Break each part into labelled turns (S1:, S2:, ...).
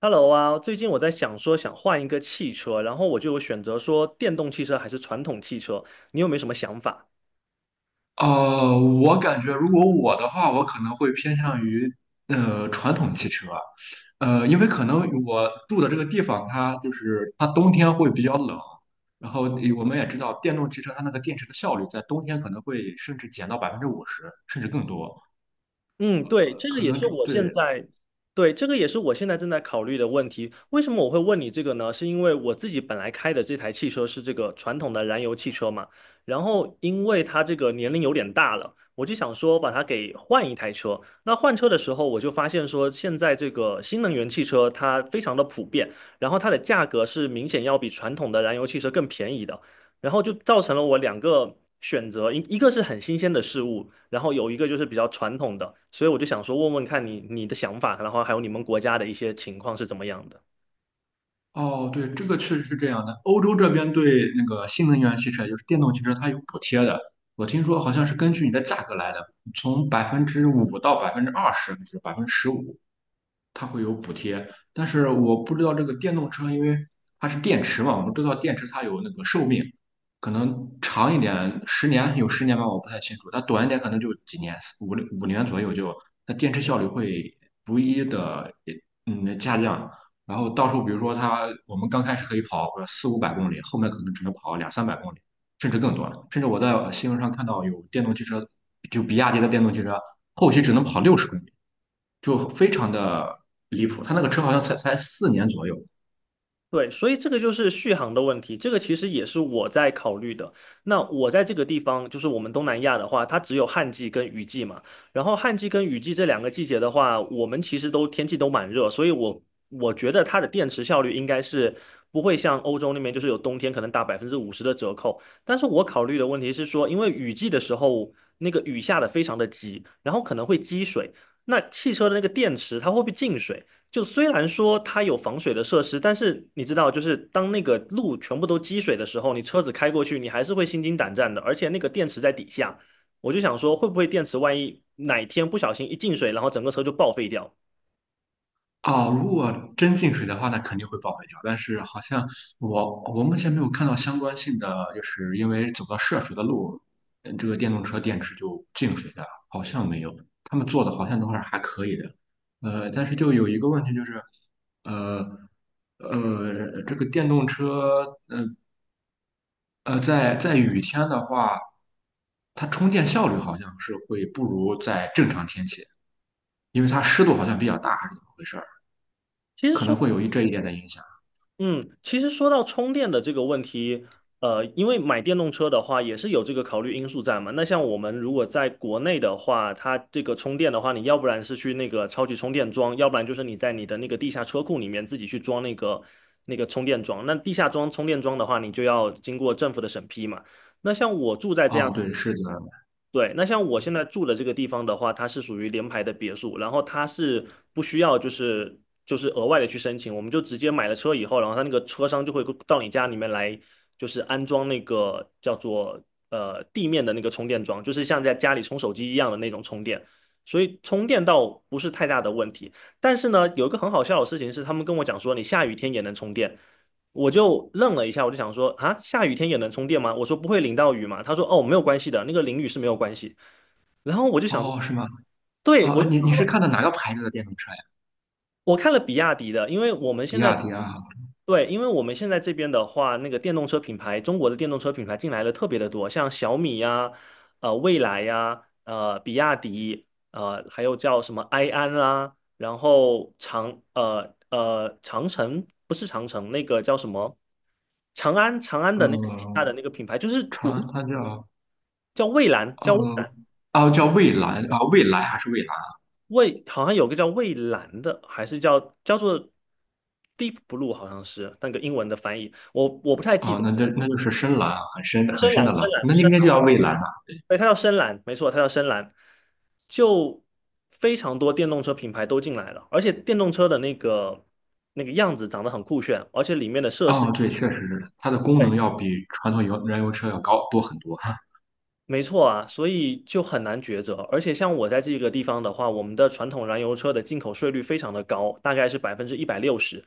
S1: Hello 啊，最近我在想说想换一个汽车，然后我就有选择说电动汽车还是传统汽车，你有没有什么想法？
S2: 我感觉如果我的话，我可能会偏向于传统汽车。因为可能我住的这个地方，它就是它冬天会比较冷。然后我们也知道电动汽车它那个电池的效率在冬天可能会甚至减到50%，甚至更多。
S1: 嗯，对，这个
S2: 可
S1: 也
S2: 能
S1: 是
S2: 这
S1: 我现
S2: 对。
S1: 在，对，这个也是我现在正在考虑的问题。为什么我会问你这个呢？是因为我自己本来开的这台汽车是这个传统的燃油汽车嘛，然后因为它这个年龄有点大了，我就想说把它给换一台车。那换车的时候，我就发现说现在这个新能源汽车它非常的普遍，然后它的价格是明显要比传统的燃油汽车更便宜的。然后就造成了我两个选择，一个是很新鲜的事物，然后有一个就是比较传统的，所以我就想说问问看你的想法，然后还有你们国家的一些情况是怎么样的。
S2: 哦，对，这个确实是这样的。欧洲这边对那个新能源汽车，也就是电动汽车，它有补贴的。我听说好像是根据你的价格来的，从百分之五到20%，还是15%。它会有补贴，但是我不知道这个电动车，因为它是电池嘛，我们知道电池它有那个寿命，可能长一点十年有十年吧，我不太清楚。它短一点可能就几年，五年左右就。那电池效率会逐一的下降。然后到时候比如说它我们刚开始可以跑个四五百公里，后面可能只能跑两三百公里，甚至更短。甚至我在新闻上看到有电动汽车，就比亚迪的电动汽车后期只能跑60公里。就非常的离谱。他那个车好像才4年左右。
S1: 对，所以这个就是续航的问题，这个其实也是我在考虑的。那我在这个地方，就是我们东南亚的话，它只有旱季跟雨季嘛。然后旱季跟雨季这两个季节的话，我们其实都天气都蛮热，所以我觉得它的电池效率应该是不会像欧洲那边，就是有冬天可能打50%的折扣。但是我考虑的问题是说，因为雨季的时候那个雨下的非常的急，然后可能会积水，那汽车的那个电池它会不会进水？就虽然说它有防水的设施，但是你知道，就是当那个路全部都积水的时候，你车子开过去，你还是会心惊胆战的。而且那个电池在底下，我就想说，会不会电池万一哪天不小心一进水，然后整个车就报废掉？
S2: 啊、如果真进水的话，那肯定会报废掉。但是好像我目前没有看到相关性的，就是因为走到涉水的路，这个电动车电池就进水的，好像没有。他们做的好像都是还可以的。但是就有一个问题就是，呃这个电动车在雨天的话，它充电效率好像是会不如在正常天气。因为它湿度好像比较大，还是怎么回事儿？
S1: 其实
S2: 可能
S1: 说
S2: 会有这一点的影响。
S1: 嗯，其实说到充电的这个问题，因为买电动车的话也是有这个考虑因素在嘛。那像我们如果在国内的话，它这个充电的话，你要不然是去那个超级充电桩，要不然就是你在你的那个地下车库里面自己去装那个充电桩。那地下装充电桩的话，你就要经过政府的审批嘛。那像我住在这
S2: 哦，
S1: 样
S2: 对，是的。
S1: 对，那像我现在住的这个地方的话，它是属于联排的别墅，然后它是不需要就是额外的去申请，我们就直接买了车以后，然后它那个车商就会到你家里面来，就是安装那个叫做地面的那个充电桩，就是像在家里充手机一样的那种充电，所以充电倒不是太大的问题。但是呢，有一个很好笑的事情是，他们跟我讲说，你下雨天也能充电。我就愣了一下，我就想说啊，下雨天也能充电吗？我说不会淋到雨嘛。他说哦，没有关系的，那个淋雨是没有关系。然后我就想说，
S2: 哦，是吗？
S1: 对，我
S2: 哦，
S1: 就想
S2: 你是
S1: 说
S2: 看的哪个牌子的电动车呀？
S1: 我看了比亚迪的，因为我们
S2: 比
S1: 现
S2: 亚
S1: 在
S2: 迪啊。
S1: 对，因为我们现在这边的话，那个电动车品牌，中国的电动车品牌进来的特别的多，像小米呀、蔚来呀、比亚迪，还有叫什么埃安啦，然后长城不是长城，那个叫什么？长安长安的那个旗下
S2: 呃，
S1: 的那个品牌，就是国
S2: 长
S1: 内
S2: 安它叫
S1: 叫蔚蓝，
S2: 呃，
S1: 叫蔚蓝，
S2: 哦叫蔚蓝啊，蔚蓝还是蔚蓝？
S1: 蔚好像有个叫蔚蓝的，还是叫叫做 Deep Blue，好像是那个英文的翻译，我我不太记
S2: 哦，
S1: 得。
S2: 那这那就是深蓝啊，很深的很
S1: 深蓝，
S2: 深的蓝
S1: 深
S2: 色，
S1: 蓝，
S2: 那
S1: 深
S2: 应该就
S1: 蓝，
S2: 叫蔚蓝了。
S1: 对，它叫深蓝，没错，它叫深蓝。就非常多电动车品牌都进来了，而且电动车的那个样子长得很酷炫，而且里面的设施。
S2: 哦，对，确实是的，它的功
S1: 对。
S2: 能要比传统燃油车要高多很多。
S1: 没错啊，所以就很难抉择。而且像我在这个地方的话，我们的传统燃油车的进口税率非常的高，大概是160%，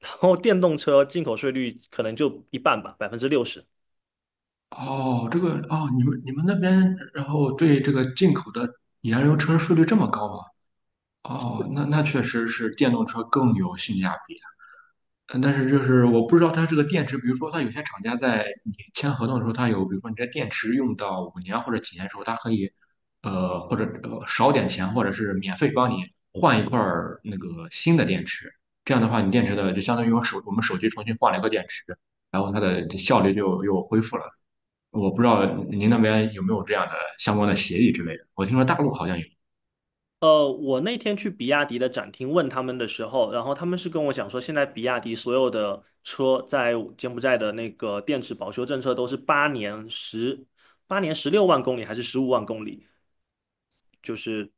S1: 然后电动车进口税率可能就一半吧，60%。
S2: 哦，这个哦，你们那边，然后对这个进口的燃油车税率这么高吗？哦，那确实是电动车更有性价比啊。但是就是我不知道它这个电池，比如说它有些厂家在你签合同的时候，它有，比如说你这电池用到五年或者几年的时候，它可以，或者少点钱，或者是免费帮你换一块儿那个新的电池。这样的话，你电池的就相当于我们手机重新换了一个电池，然后它的效率就又恢复了。我不知道您那边有没有这样的相关的协议之类的。我听说大陆好像有。
S1: 我那天去比亚迪的展厅问他们的时候，然后他们是跟我讲说，现在比亚迪所有的车在柬埔寨的那个电池保修政策都是8年16万公里还是15万公里，就是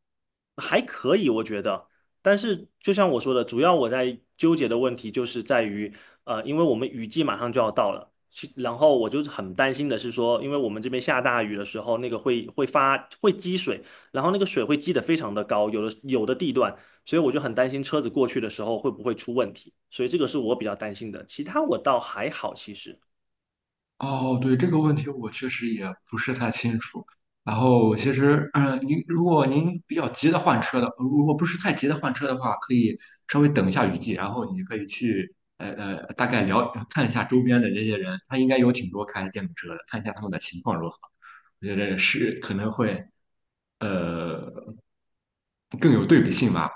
S1: 还可以，我觉得。但是就像我说的，主要我在纠结的问题就是在于，因为我们雨季马上就要到了，然后我就是很担心的是说，因为我们这边下大雨的时候，那个会积水，然后那个水会积得非常的高，有的地段，所以我就很担心车子过去的时候会不会出问题，所以这个是我比较担心的，其他我倒还好，其实。
S2: 哦，对，这个问题我确实也不是太清楚。然后其实，如果您比较急的换车的，如果不是太急的换车的话，可以稍微等一下雨季，然后你可以去大概了看一下周边的这些人，他应该有挺多开电动车的，看一下他们的情况如何。我觉得是可能会呃更有对比性吧。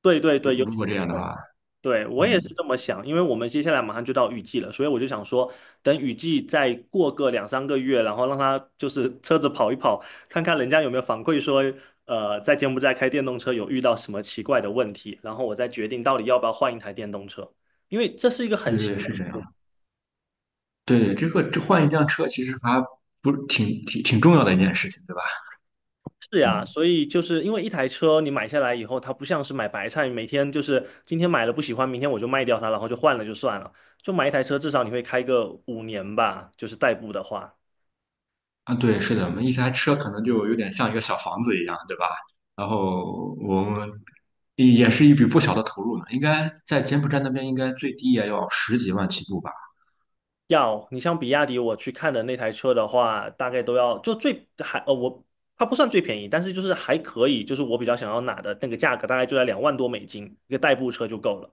S1: 对对
S2: 如
S1: 对，有
S2: 如
S1: 点。
S2: 果这样的话，
S1: 对，我也是
S2: 嗯。
S1: 这么想，因为我们接下来马上就到雨季了，所以我就想说，等雨季再过个两三个月，然后让他就是车子跑一跑，看看人家有没有反馈说，在柬埔寨开电动车有遇到什么奇怪的问题，然后我再决定到底要不要换一台电动车，因为这是一个很
S2: 对
S1: 新
S2: 对是
S1: 的
S2: 这
S1: 事
S2: 样。对对，这换一辆车其实还不挺重要的一件事情，对吧？
S1: 是呀，
S2: 嗯。
S1: 所以就是因为一台车你买下来以后，它不像是买白菜，每天就是今天买了不喜欢，明天我就卖掉它，然后就换了就算了，就买一台车，至少你会开个5年吧，就是代步的话。
S2: 啊，对，是的，我们一台车可能就有点像一个小房子一样，对吧？然后我们也是一笔不小的投入呢，应该在柬埔寨那边应该最低也要十几万起步吧？
S1: 要，你像比亚迪，我去看的那台车的话，大概都要就最还呃我它不算最便宜，但是就是还可以，就是我比较想要拿的那个价格大概就在2万多美金，一个代步车就够了，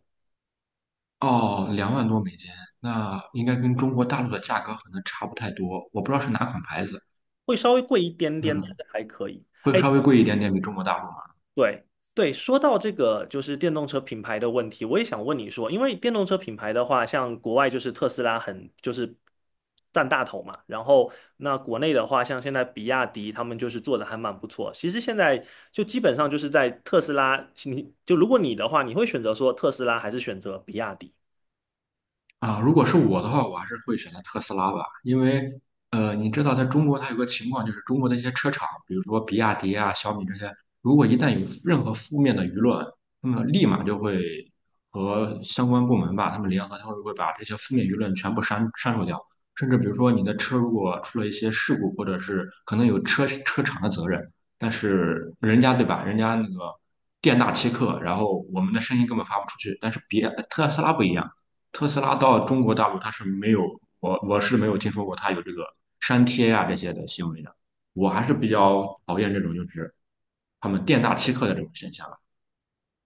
S2: 哦，两万多美金，那应该跟中国大陆的价格可能差不太多，我不知道是哪款牌子。
S1: 会稍微贵一点点，但
S2: 嗯，
S1: 是还可以。
S2: 会
S1: 哎，
S2: 稍微贵一点点，比中国大陆。
S1: 对对，说到这个就是电动车品牌的问题，我也想问你说，因为电动车品牌的话，像国外就是特斯拉很就是占大头嘛，然后那国内的话，像现在比亚迪他们就是做的还蛮不错。其实现在就基本上就是在特斯拉，你就如果你的话，你会选择说特斯拉还是选择比亚迪？
S2: 啊，如果是我的话，我还是会选择特斯拉吧。因为你知道在中国它有个情况，就是中国的一些车厂，比如说比亚迪啊、小米这些，如果一旦有任何负面的舆论，那么立马就会和相关部门吧，他们联合，他们会把这些负面舆论全部删除掉。甚至比如说你的车如果出了一些事故，或者是可能有车厂的责任。但是人家对吧，人家那个店大欺客，然后我们的声音根本发不出去，但是别特斯拉不一样。特斯拉到中国大陆它是没有，我是没有听说过它有这个删帖呀、这些的行为的。我还是比较讨厌这种就是他们店大欺客的这种现象。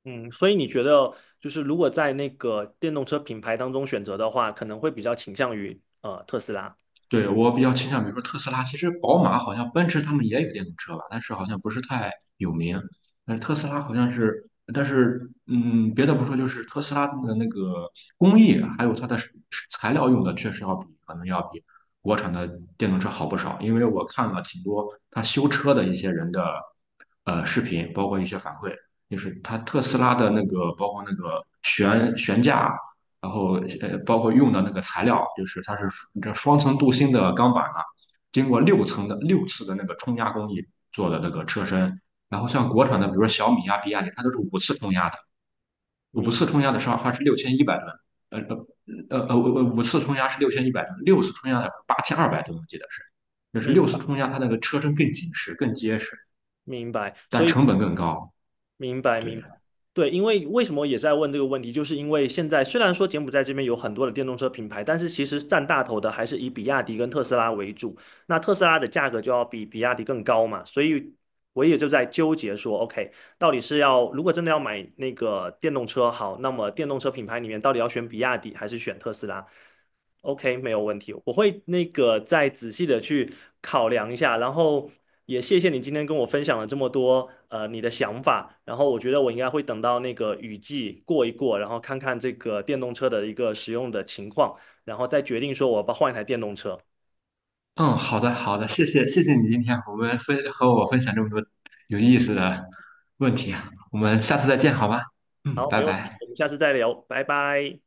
S1: 嗯，所以你觉得就是如果在那个电动车品牌当中选择的话，可能会比较倾向于特斯拉。
S2: 对，我比较倾向，比如说特斯拉。其实宝马好像奔驰他们也有电动车吧，但是好像不是太有名。但是特斯拉好像是，但是别的不说，就是特斯拉的那个工艺，还有它的是材料用的，确实要比可能要比国产的电动车好不少。因为我看了挺多他修车的一些人的视频，包括一些反馈，就是他特斯拉的那个，包括那个悬架。然后包括用的那个材料，就是它是这双层镀锌的钢板啊，经过六次的那个冲压工艺做的那个车身。然后像国产的，比如说小米啊、比亚迪，它都是五次冲压的。五次
S1: 明
S2: 冲压的时候它是六千一百吨，呃呃五次冲压是六千一百吨，六次冲压的8,200吨，我记得是。就是六次
S1: 明
S2: 冲压它那个车身更紧实、更结实，
S1: 明白，所
S2: 但
S1: 以。
S2: 成本更高。
S1: 明白，
S2: 对。
S1: 明白。对，因为为什么也在问这个问题，就是因为现在虽然说柬埔寨这边有很多的电动车品牌，但是其实占大头的还是以比亚迪跟特斯拉为主。那特斯拉的价格就要比比亚迪更高嘛，所以我也就在纠结说，OK，到底是要如果真的要买那个电动车，好，那么电动车品牌里面到底要选比亚迪还是选特斯拉？OK，没有问题，我会那个再仔细的去考量一下，然后也谢谢你今天跟我分享了这么多你的想法，然后我觉得我应该会等到那个雨季过一过，然后看看这个电动车的一个使用的情况，然后再决定说我要不要换一台电动车。
S2: 嗯，好的，好的，谢谢，谢谢你今天和我们分和我分享这么多有意思的问题啊。我们下次再见，好吗？嗯，
S1: 好，
S2: 拜
S1: 没问题，
S2: 拜。
S1: 我们下次再聊，拜拜。